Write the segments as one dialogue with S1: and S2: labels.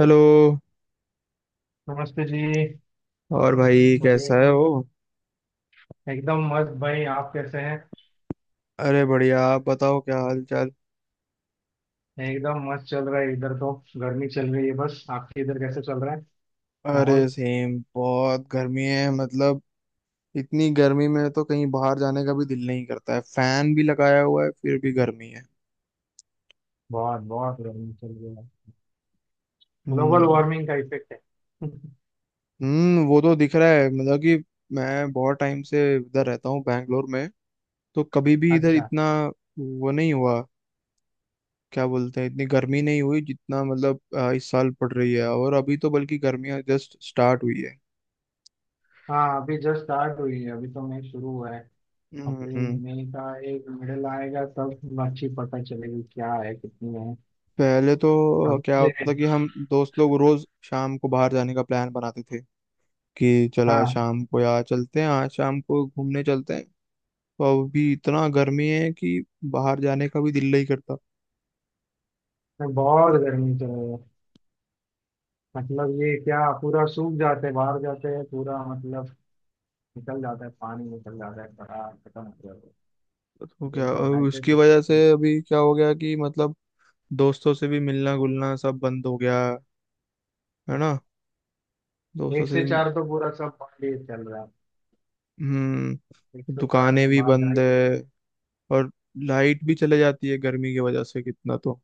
S1: Hello.
S2: नमस्ते जी।
S1: और भाई
S2: मुझे
S1: कैसा है हो।
S2: एकदम मस्त, भाई आप कैसे हैं?
S1: अरे बढ़िया, आप बताओ क्या हाल चाल।
S2: एकदम मस्त चल रहा है इधर तो। गर्मी चल रही है बस, आपके इधर कैसे चल रहा है
S1: अरे
S2: माहौल?
S1: सेम, बहुत गर्मी है मतलब। इतनी गर्मी में तो कहीं बाहर जाने का भी दिल नहीं करता है, फैन भी लगाया हुआ है फिर भी गर्मी है।
S2: बहुत बहुत गर्मी चल रही है। Global
S1: hmm.
S2: वार्मिंग का इफेक्ट है।
S1: हम्म, वो तो दिख रहा है मतलब कि मैं बहुत टाइम से इधर रहता हूँ बैंगलोर में, तो कभी भी इधर
S2: अच्छा।
S1: इतना वो नहीं हुआ, क्या बोलते हैं, इतनी गर्मी नहीं हुई जितना मतलब इस साल पड़ रही है, और अभी तो बल्कि गर्मियाँ जस्ट स्टार्ट हुई है।
S2: हाँ अभी जस्ट स्टार्ट हुई है, अभी तो मई शुरू हुआ है। अप्रैल
S1: हम्म।
S2: मई का एक मिडल आएगा तब अच्छी पता चलेगी क्या है, कितनी है।
S1: पहले तो
S2: अभी
S1: क्या
S2: ये,
S1: होता था कि हम दोस्त लोग रोज शाम को बाहर जाने का प्लान बनाते थे कि चलो आज
S2: हाँ
S1: शाम को यार चलते हैं, आज शाम को घूमने चलते हैं। तो अभी इतना गर्मी है कि बाहर जाने का भी दिल नहीं करता।
S2: तो बहुत गर्मी चल रही है। मतलब ये क्या, पूरा सूख जाते बाहर जाते हैं, पूरा मतलब निकल जाता है, पानी निकल जाता है, बड़ा खत्म हो जाता है।
S1: तो
S2: तो
S1: क्या
S2: ये हाइड्रेट
S1: उसकी वजह से
S2: सकती है।
S1: अभी क्या हो गया कि मतलब दोस्तों से भी मिलना गुलना सब बंद हो गया, है ना। दोस्तों
S2: एक
S1: से
S2: से
S1: भी।
S2: चार तो पूरा सब पानी चल रहा है। एक
S1: हम्म,
S2: से चार
S1: दुकानें
S2: में
S1: भी
S2: बाहर जा
S1: बंद
S2: ही नहीं।
S1: है, और लाइट भी चले जाती है गर्मी की वजह से कितना तो।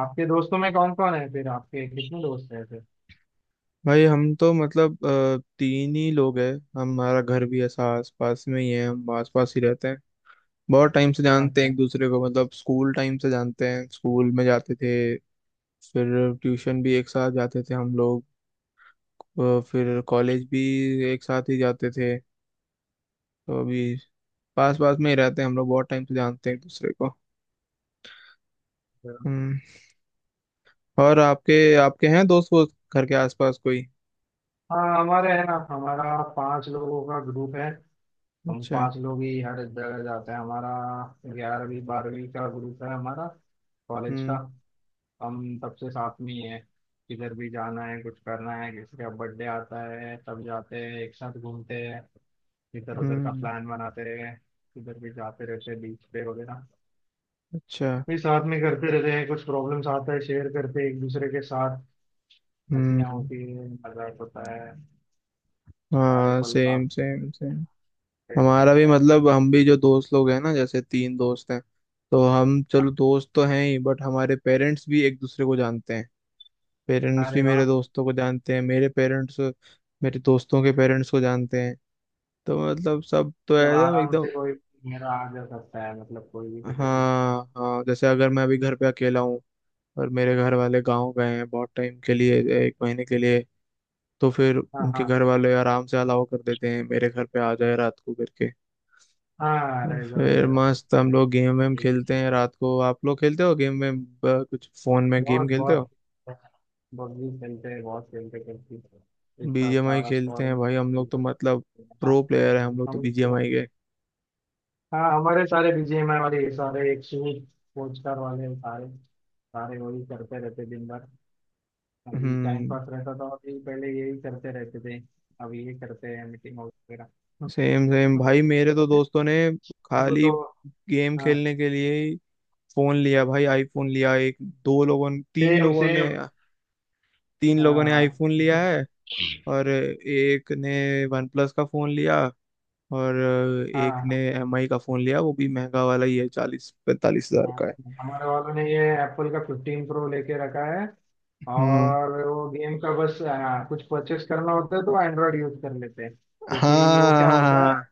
S2: आपके दोस्तों में कौन कौन है फिर? आपके कितने दोस्त हैं फिर?
S1: भाई हम तो मतलब तीन ही लोग हैं। हमारा घर भी ऐसा आस पास में ही है, हम आस पास ही रहते हैं। बहुत टाइम से जानते हैं
S2: अच्छा।
S1: एक दूसरे को, मतलब स्कूल टाइम से जानते हैं, स्कूल में जाते थे। फिर ट्यूशन भी एक साथ जाते थे हम लोग। फिर कॉलेज भी एक साथ ही जाते थे। तो अभी पास पास में ही रहते हैं हम लोग, बहुत टाइम से जानते हैं एक दूसरे को।
S2: तो-
S1: हम्म। और आपके आपके हैं दोस्त वोस्त घर के आसपास कोई?
S2: हाँ हमारे है ना, हमारा 5 लोगों का ग्रुप है। हम
S1: अच्छा।
S2: 5 लोग ही हर जगह जाते हैं हमारा। 11वीं 12वीं का ग्रुप है हमारा, कॉलेज का।
S1: हम्म।
S2: हम सबसे साथ में ही है। किधर भी जाना है, कुछ करना है, किसी का बर्थडे आता है तब जाते हैं, एक साथ घूमते हैं। इधर उधर का
S1: हम्म।
S2: प्लान बनाते रहे, किधर भी जाते रहते हैं, बीच पे वगैरह।
S1: अच्छा।
S2: फिर साथ में करते रहते हैं। कुछ प्रॉब्लम्स आता है शेयर करते हैं एक दूसरे के साथ। हंसियाँ
S1: हम्म।
S2: होती है, मजाक होता है, सारे
S1: हाँ,
S2: पल साथ
S1: सेम सेम सेम।
S2: शेयर
S1: हमारा
S2: करते
S1: भी
S2: हैं।
S1: मतलब हम भी जो दोस्त लोग हैं ना, जैसे तीन दोस्त हैं, तो हम चलो दोस्त तो हैं ही, बट हमारे पेरेंट्स भी एक दूसरे को जानते हैं।
S2: हाँ,
S1: पेरेंट्स भी
S2: अरे वाह।
S1: मेरे दोस्तों को जानते हैं, मेरे पेरेंट्स मेरे दोस्तों के पेरेंट्स को जानते हैं। तो मतलब सब तो
S2: मतलब
S1: एकदम
S2: आराम
S1: एकदम।
S2: से कोई मेरा आ जा सकता है, मतलब कोई भी
S1: हाँ
S2: किधर भी।
S1: हाँ, जैसे अगर मैं अभी घर पे अकेला हूँ और मेरे घर वाले गाँव गए हैं बहुत टाइम के लिए, 1 महीने के लिए, तो फिर
S2: हाँ
S1: उनके
S2: हाँ।
S1: घर वाले आराम से अलाउ कर देते हैं मेरे घर पे आ जाए रात को करके।
S2: हाँ
S1: तो
S2: अरे इधर
S1: फिर
S2: उधर।
S1: मस्त हम लोग गेम वेम खेलते हैं रात को। आप लोग खेलते हो गेम वेम? कुछ फोन में गेम
S2: बहुत
S1: खेलते
S2: बहुत
S1: हो?
S2: बग्गी खेलते हैं, बहुत खेलते खेलते हैं। इस साथ
S1: बीजीएमआई
S2: सारा
S1: खेलते
S2: स्क्वाड।
S1: हैं भाई, हम लोग तो मतलब
S2: हाँ।
S1: प्रो प्लेयर है हम लोग तो
S2: हम,
S1: बीजीएमआई के।
S2: हाँ हमारे सारे बीजीएमआई वाले, सारे एक सूट पोस्टर वाले, सारे सारे वही करते रहते दिन भर। अभी टाइम
S1: हम्म।
S2: पास रहता था, अभी पहले यही करते रहते थे। अभी ये करते हैं मीटिंग वगैरह।
S1: सेम सेम भाई, मेरे तो दोस्तों ने
S2: हमको
S1: खाली
S2: तो,
S1: गेम
S2: हाँ
S1: खेलने के लिए ही फोन लिया भाई, आईफोन लिया। एक दो लोगों ने, तीन
S2: सेम
S1: लोगों ने,
S2: सेम।
S1: तीन लोगों ने
S2: हाँ
S1: आईफोन लिया है और एक ने वन प्लस का फोन लिया और एक ने
S2: हाँ
S1: एमआई का फोन लिया, वो भी महंगा वाला ही है, 40-45 हज़ार
S2: हाँ।
S1: का है।
S2: हमारे वालों ने ये एप्पल का 15 प्रो लेके रखा है।
S1: हम्म।
S2: और वो गेम का बस, हाँ, कुछ परचेस करना होता है तो एंड्रॉइड यूज कर लेते हैं, क्योंकि वो क्या होता है,
S1: हाँ।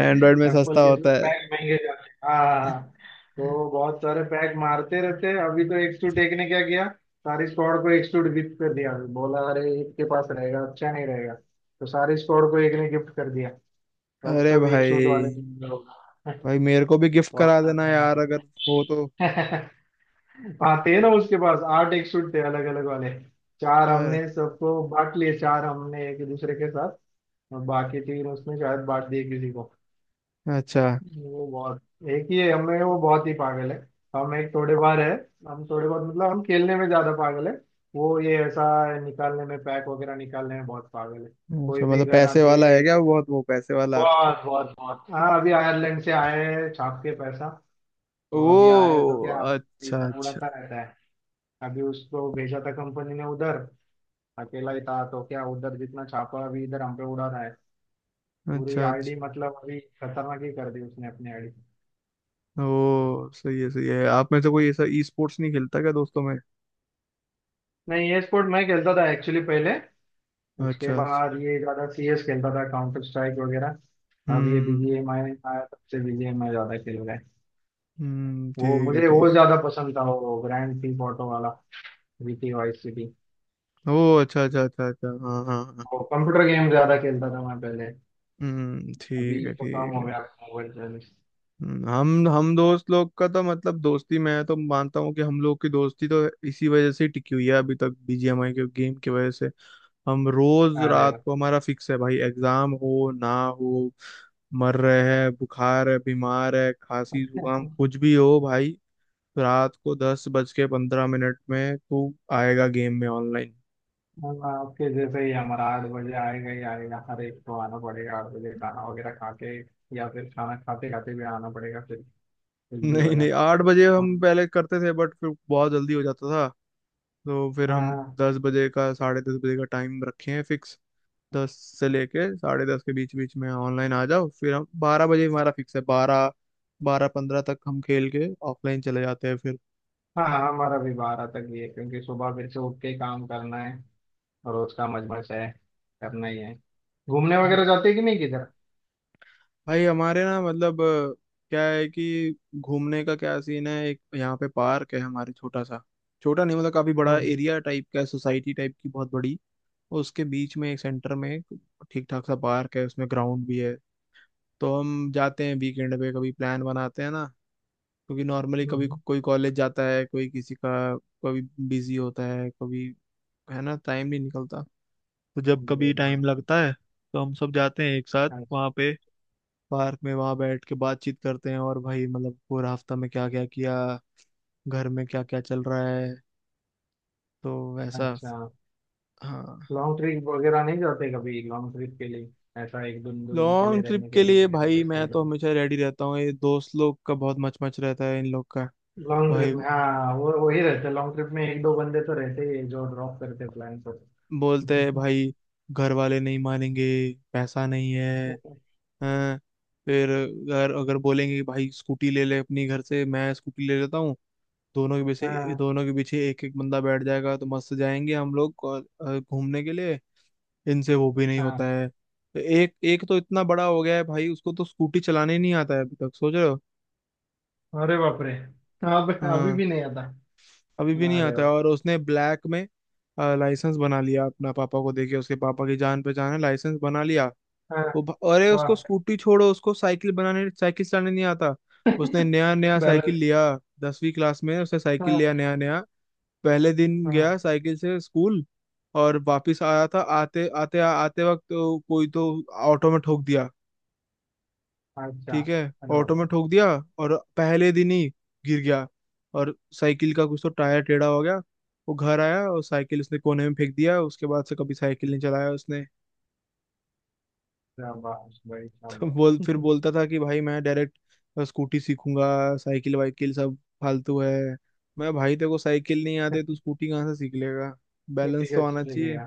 S1: एंड्रॉयड में सस्ता
S2: के इसमें
S1: होता है।
S2: पैक महंगे जाते हैं। हाँ हाँ, हाँ। तो बहुत सारे पैक मारते रहते हैं। अभी तो एक्सटूट एक ने क्या किया, सारी स्क्वाड को एक्सटूट गिफ्ट कर दिया। बोला अरे इसके पास रहेगा अच्छा, नहीं रहेगा, तो सारी स्क्वाड को एक ने गिफ्ट कर दिया। तो अब
S1: अरे
S2: सब एक सूट
S1: भाई,
S2: वाले जिम्मेदार होगा।
S1: भाई मेरे को भी गिफ्ट
S2: वो
S1: करा
S2: अपना
S1: देना
S2: नया
S1: यार, अगर हो तो।
S2: हाँ थे ना, उसके पास 8 एक सूट थे अलग अलग वाले। 4
S1: अ,
S2: हमने सबको बांट लिए, 4 हमने एक दूसरे के साथ, और बाकी 3 उसने शायद बांट दिए किसी को।
S1: अच्छा
S2: वो बहुत एक ही है हमें, वो बहुत ही पागल है। हम एक थोड़े बार है, हम थोड़े बहुत मतलब, हम खेलने में ज्यादा पागल है। वो ये ऐसा निकालने में, पैक वगैरह निकालने में बहुत पागल है।
S1: अच्छा।
S2: कोई भी
S1: मतलब
S2: गन
S1: पैसे
S2: आती
S1: वाला है
S2: है,
S1: क्या बहुत, वो पैसे वाला?
S2: बहुत बहुत बहुत। हाँ अभी आयरलैंड से आए हैं, छाप के पैसा।
S1: ओ
S2: तो अभी आए हैं तो क्या,
S1: अच्छा
S2: इधर
S1: अच्छा,
S2: उड़ाता रहता है। अभी उसको भेजा था कंपनी ने उधर, अकेला ही था, तो क्या उधर जितना छापा अभी इधर हम पे उड़ा रहा है। पूरी
S1: अच्छा अच्छा।
S2: आईडी मतलब अभी खतरनाक ही कर दी उसने अपनी आईडी।
S1: ओ सही है सही है। आप में से कोई ऐसा ई स्पोर्ट्स नहीं खेलता क्या दोस्तों में?
S2: नहीं ये स्पोर्ट मैं खेलता था एक्चुअली पहले। उसके
S1: अच्छा अच्छा।
S2: बाद ये ज्यादा सीएस खेलता था, काउंटर स्ट्राइक वगैरह। अब ये
S1: हम्म। हम्म।
S2: बीजीएमआई आया तब से बीजीएमआई ज्यादा खेल रहा है। वो
S1: ठीक है
S2: मुझे
S1: ठीक
S2: वो
S1: है।
S2: ज्यादा पसंद था, वो ग्रैंड थीफ ऑटो वाला, जीटी वाइस सिटी।
S1: ओ, अच्छा अच्छा अच्छा अच्छा, हाँ हाँ हाँ।
S2: वो कंप्यूटर गेम ज्यादा खेलता था मैं पहले।
S1: हम्म,
S2: अभी
S1: ठीक है
S2: तो कम
S1: ठीक
S2: हो
S1: है।
S2: गया मोबाइल।
S1: हम दोस्त लोग का तो मतलब दोस्ती, मैं तो मानता हूँ कि हम लोग की दोस्ती तो इसी वजह से ही टिकी हुई है अभी तक, बीजीएमआई के गेम की वजह से। हम रोज
S2: अरे
S1: रात को, हमारा फिक्स है भाई, एग्जाम हो ना हो, मर रहे हैं, बुखार है, बीमार है, खांसी जुकाम
S2: वाह।
S1: कुछ भी हो भाई, रात को 10 बज के 15 मिनट में तू आएगा गेम में ऑनलाइन।
S2: अब आपके जैसे ही हमारा 8 बजे आएगा ही आएगा, हर एक को आना पड़ेगा 8 बजे खाना वगैरह खा के, या फिर खाना खाते खाते भी आना पड़ेगा फिर, कुछ भी हो
S1: नहीं
S2: जाए।
S1: नहीं, 8 बजे हम
S2: हम-
S1: पहले करते थे बट फिर बहुत जल्दी हो जाता था, तो फिर हम
S2: हाँ
S1: 10 बजे का साढ़े 10 बजे का टाइम रखे हैं फिक्स। 10 से लेके साढ़े 10 के बीच बीच में ऑनलाइन आ जाओ, फिर हम 12 बजे, हमारा फिक्स है 12, 12:15 तक हम खेल के ऑफलाइन चले जाते हैं फिर।
S2: हाँ। हमारा भी 12 तक ही है, क्योंकि सुबह फिर से उठ के काम करना है। रोज का मजमस है, करना ही है। घूमने वगैरह
S1: हाँ।
S2: जाते हैं कि नहीं किधर?
S1: भाई हमारे ना मतलब क्या है कि घूमने का क्या सीन है, एक यहाँ पे पार्क है हमारे छोटा सा, छोटा नहीं मतलब काफी बड़ा
S2: हम्म
S1: एरिया टाइप का है, सोसाइटी टाइप की बहुत बड़ी। उसके बीच में एक सेंटर में एक ठीक ठाक सा पार्क है, उसमें ग्राउंड भी है। तो हम जाते हैं वीकेंड पे, कभी प्लान बनाते हैं ना, क्योंकि नॉर्मली कभी
S2: हम्म
S1: कोई कॉलेज जाता है, कोई किसी का कभी बिजी होता है, कभी है ना टाइम नहीं निकलता। तो जब कभी
S2: हम्म,
S1: टाइम लगता है तो हम सब जाते हैं एक साथ
S2: हाँ,
S1: वहाँ पे, पार्क में, वहाँ बैठ के बातचीत करते हैं और भाई मतलब पूरा हफ्ता में क्या क्या किया, घर में क्या क्या चल रहा है। तो वैसा।
S2: अच्छा।
S1: हाँ।
S2: लॉन्ग ट्रिप वगैरह नहीं जाते कभी? लॉन्ग ट्रिप के लिए ऐसा एक दो दो दिन के लिए
S1: लॉन्ग ट्रिप
S2: रहने के
S1: के लिए
S2: लिए?
S1: भाई मैं तो हमेशा रेडी रहता हूँ, ये दोस्त लोग का बहुत मच मच रहता है इन लोग का।
S2: लॉन्ग ट्रिप
S1: भाई
S2: में हाँ वो वही रहते, लॉन्ग ट्रिप में एक दो बंदे तो रहते ही हैं जो ड्रॉप करते प्लान को।
S1: बोलते हैं भाई घर वाले नहीं मानेंगे, पैसा नहीं है, हैं। फिर अगर अगर बोलेंगे कि भाई स्कूटी ले ले अपनी घर से, मैं स्कूटी ले लेता हूँ। दोनों के पीछे
S2: हाँ
S1: दोनों के पीछे एक एक बंदा बैठ जाएगा तो मस्त जाएंगे हम लोग घूमने के लिए। इनसे वो भी नहीं
S2: हाँ।
S1: होता है। तो एक एक तो इतना बड़ा हो गया है भाई, उसको तो स्कूटी चलाने ही नहीं आता है अभी तक, सोच रहे हो।
S2: अरे बाप रे, अब अभी
S1: हाँ,
S2: भी नहीं आता?
S1: अभी भी नहीं
S2: अरे
S1: आता है,
S2: बाप।
S1: और उसने ब्लैक में लाइसेंस बना लिया, अपना पापा को देके, उसके पापा की जान पहचान है, लाइसेंस बना लिया।
S2: हाँ
S1: अरे उसको
S2: वाह।
S1: स्कूटी छोड़ो, उसको साइकिल बनाने साइकिल चलाने नहीं आता। उसने नया नया साइकिल
S2: बैलेंस।
S1: लिया 10वीं क्लास में, उसने साइकिल
S2: हाँ
S1: लिया नया नया। पहले दिन
S2: हाँ।
S1: गया साइकिल से स्कूल और वापस आया था, आते आते आते वक्त तो कोई तो ऑटो में ठोक दिया,
S2: अच्छा।
S1: ठीक है।
S2: अरे बाप
S1: ऑटो
S2: रे।
S1: में ठोक दिया और पहले दिन ही गिर गया और साइकिल का कुछ तो टायर टेढ़ा हो गया। वो घर आया और साइकिल उसने कोने में फेंक दिया, उसके बाद से कभी साइकिल नहीं चलाया उसने।
S2: शाबाश भाई
S1: तो बोल
S2: शाबाश।
S1: फिर बोलता था कि भाई मैं डायरेक्ट स्कूटी सीखूंगा, साइकिल वाइकिल सब फालतू है। मैं भाई, तेरे को साइकिल नहीं आते तू स्कूटी कहाँ से सीख लेगा,
S2: ठीक
S1: बैलेंस तो
S2: है
S1: आना
S2: ठीक है।
S1: चाहिए।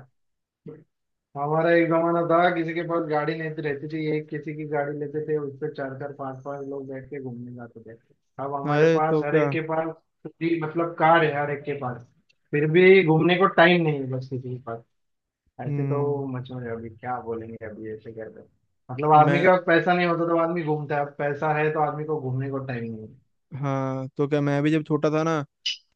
S2: हमारा एक जमाना था, किसी के पास गाड़ी नहीं रहती थी, एक किसी की गाड़ी लेते थे उस पे 4 4 5 5 लोग बैठ के घूमने जाते थे। अब हमारे
S1: अरे
S2: पास
S1: तो
S2: हर
S1: क्या।
S2: एक के पास भी मतलब कार है हर एक के पास, फिर भी घूमने को टाइम नहीं है बस किसी के पास। ऐसे तो
S1: हम्म।
S2: मचो रहे अभी, क्या बोलेंगे अभी ऐसे कर रहे हैं। मतलब आदमी के
S1: मैं
S2: पास पैसा नहीं होता तो आदमी घूमता है, अब पैसा है तो आदमी को घूमने को टाइम नहीं है।
S1: हाँ तो क्या, मैं भी जब छोटा था ना,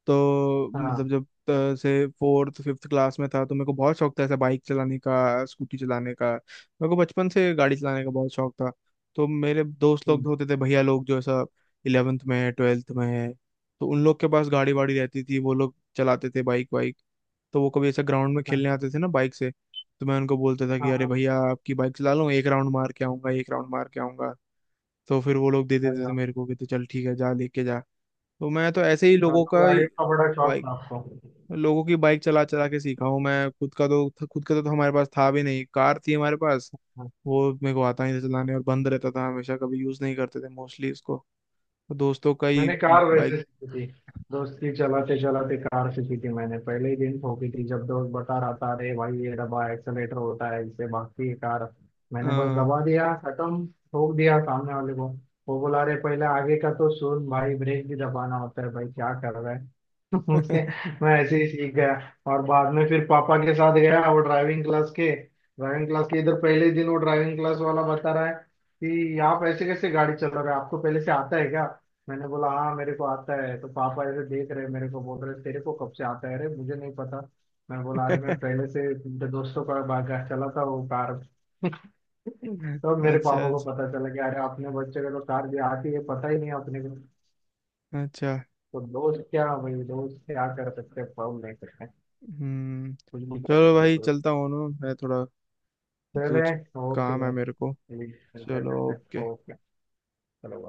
S1: तो मतलब
S2: हाँ।
S1: जब से फोर्थ फिफ्थ क्लास में था, तो मेरे को बहुत शौक था ऐसा बाइक चलाने का, स्कूटी चलाने का, मेरे को बचपन से गाड़ी चलाने का बहुत शौक था। तो मेरे दोस्त
S2: हम्म,
S1: लोग होते थे भैया लोग, जो ऐसा 11th में है 12th में है, तो उन लोग के पास गाड़ी वाड़ी रहती थी, वो लोग चलाते थे बाइक वाइक। तो वो कभी ऐसा ग्राउंड में खेलने
S2: हाँ
S1: आते थे ना बाइक से। तो मैं उनको बोलता था कि
S2: हाँ
S1: अरे
S2: हाँ।
S1: भैया आपकी बाइक चला लूँ, एक राउंड मार के आऊंगा, एक राउंड मार के आऊंगा। तो फिर वो लोग दे
S2: अरे
S1: देते थे
S2: वाह।
S1: मेरे को कि तो चल ठीक है जा लेके जा। तो मैं तो ऐसे ही
S2: मतलब गाड़ियों का बड़ा शौक था आपको हाँ।
S1: लोगों की बाइक चला चला के सीखा हूँ मैं, खुद का तो, खुद का तो हमारे पास था भी नहीं, कार थी हमारे पास, वो मेरे को आता ही नहीं था चलाने, और बंद रहता था हमेशा, कभी यूज नहीं करते थे मोस्टली उसको। दोस्तों का ही
S2: मैंने कार वैसे
S1: बाइक।
S2: सीखी थी, दोस्ती चलाते चलाते कार सीखी थी। मैंने पहले ही दिन ठोकी थी, जब दोस्त बता रहा था अरे भाई ये दबा, एक्सेलेटर होता है इससे भागती है कार। मैंने बस दबा दिया, खत्म, ठोक दिया सामने वाले को। वो बोला अरे पहले आगे का तो सुन भाई, ब्रेक भी दबाना होता है भाई, क्या कर रहा है। उसके, मैं ऐसे ही सीख गया। और बाद में फिर पापा के साथ गया वो ड्राइविंग क्लास के, ड्राइविंग क्लास के इधर पहले दिन वो ड्राइविंग क्लास वाला बता रहा है कि आप ऐसे कैसे गाड़ी चला रहे हो, आपको पहले से आता है क्या? मैंने बोला हाँ मेरे को आता है, तो पापा ऐसे देख रहे हैं मेरे को, बोल रहे तेरे को कब से आता है, अरे मुझे नहीं पता। मैं बोला अरे
S1: अच्छा
S2: मैं पहले से मेरे दोस्तों का बाइक चलाता हूँ, कार। तो मेरे पापा
S1: अच्छा
S2: को पता चला कि अरे अपने बच्चे को तो कार भी आती है, पता ही नहीं अपने को।
S1: अच्छा।
S2: तो दोस्त क्या, भाई दोस्त क्या कर सकते हैं, फोन नहीं कर सकते,
S1: हम्म।
S2: कुछ भी कर
S1: चलो
S2: लेंगे
S1: भाई
S2: तो।
S1: चलता हूँ ना मैं, थोड़ा
S2: चले,
S1: कुछ
S2: ओके
S1: काम है
S2: भाई
S1: मेरे को।
S2: ठीक है,
S1: चलो
S2: करते हैं,
S1: ओके।
S2: ओके। चलो।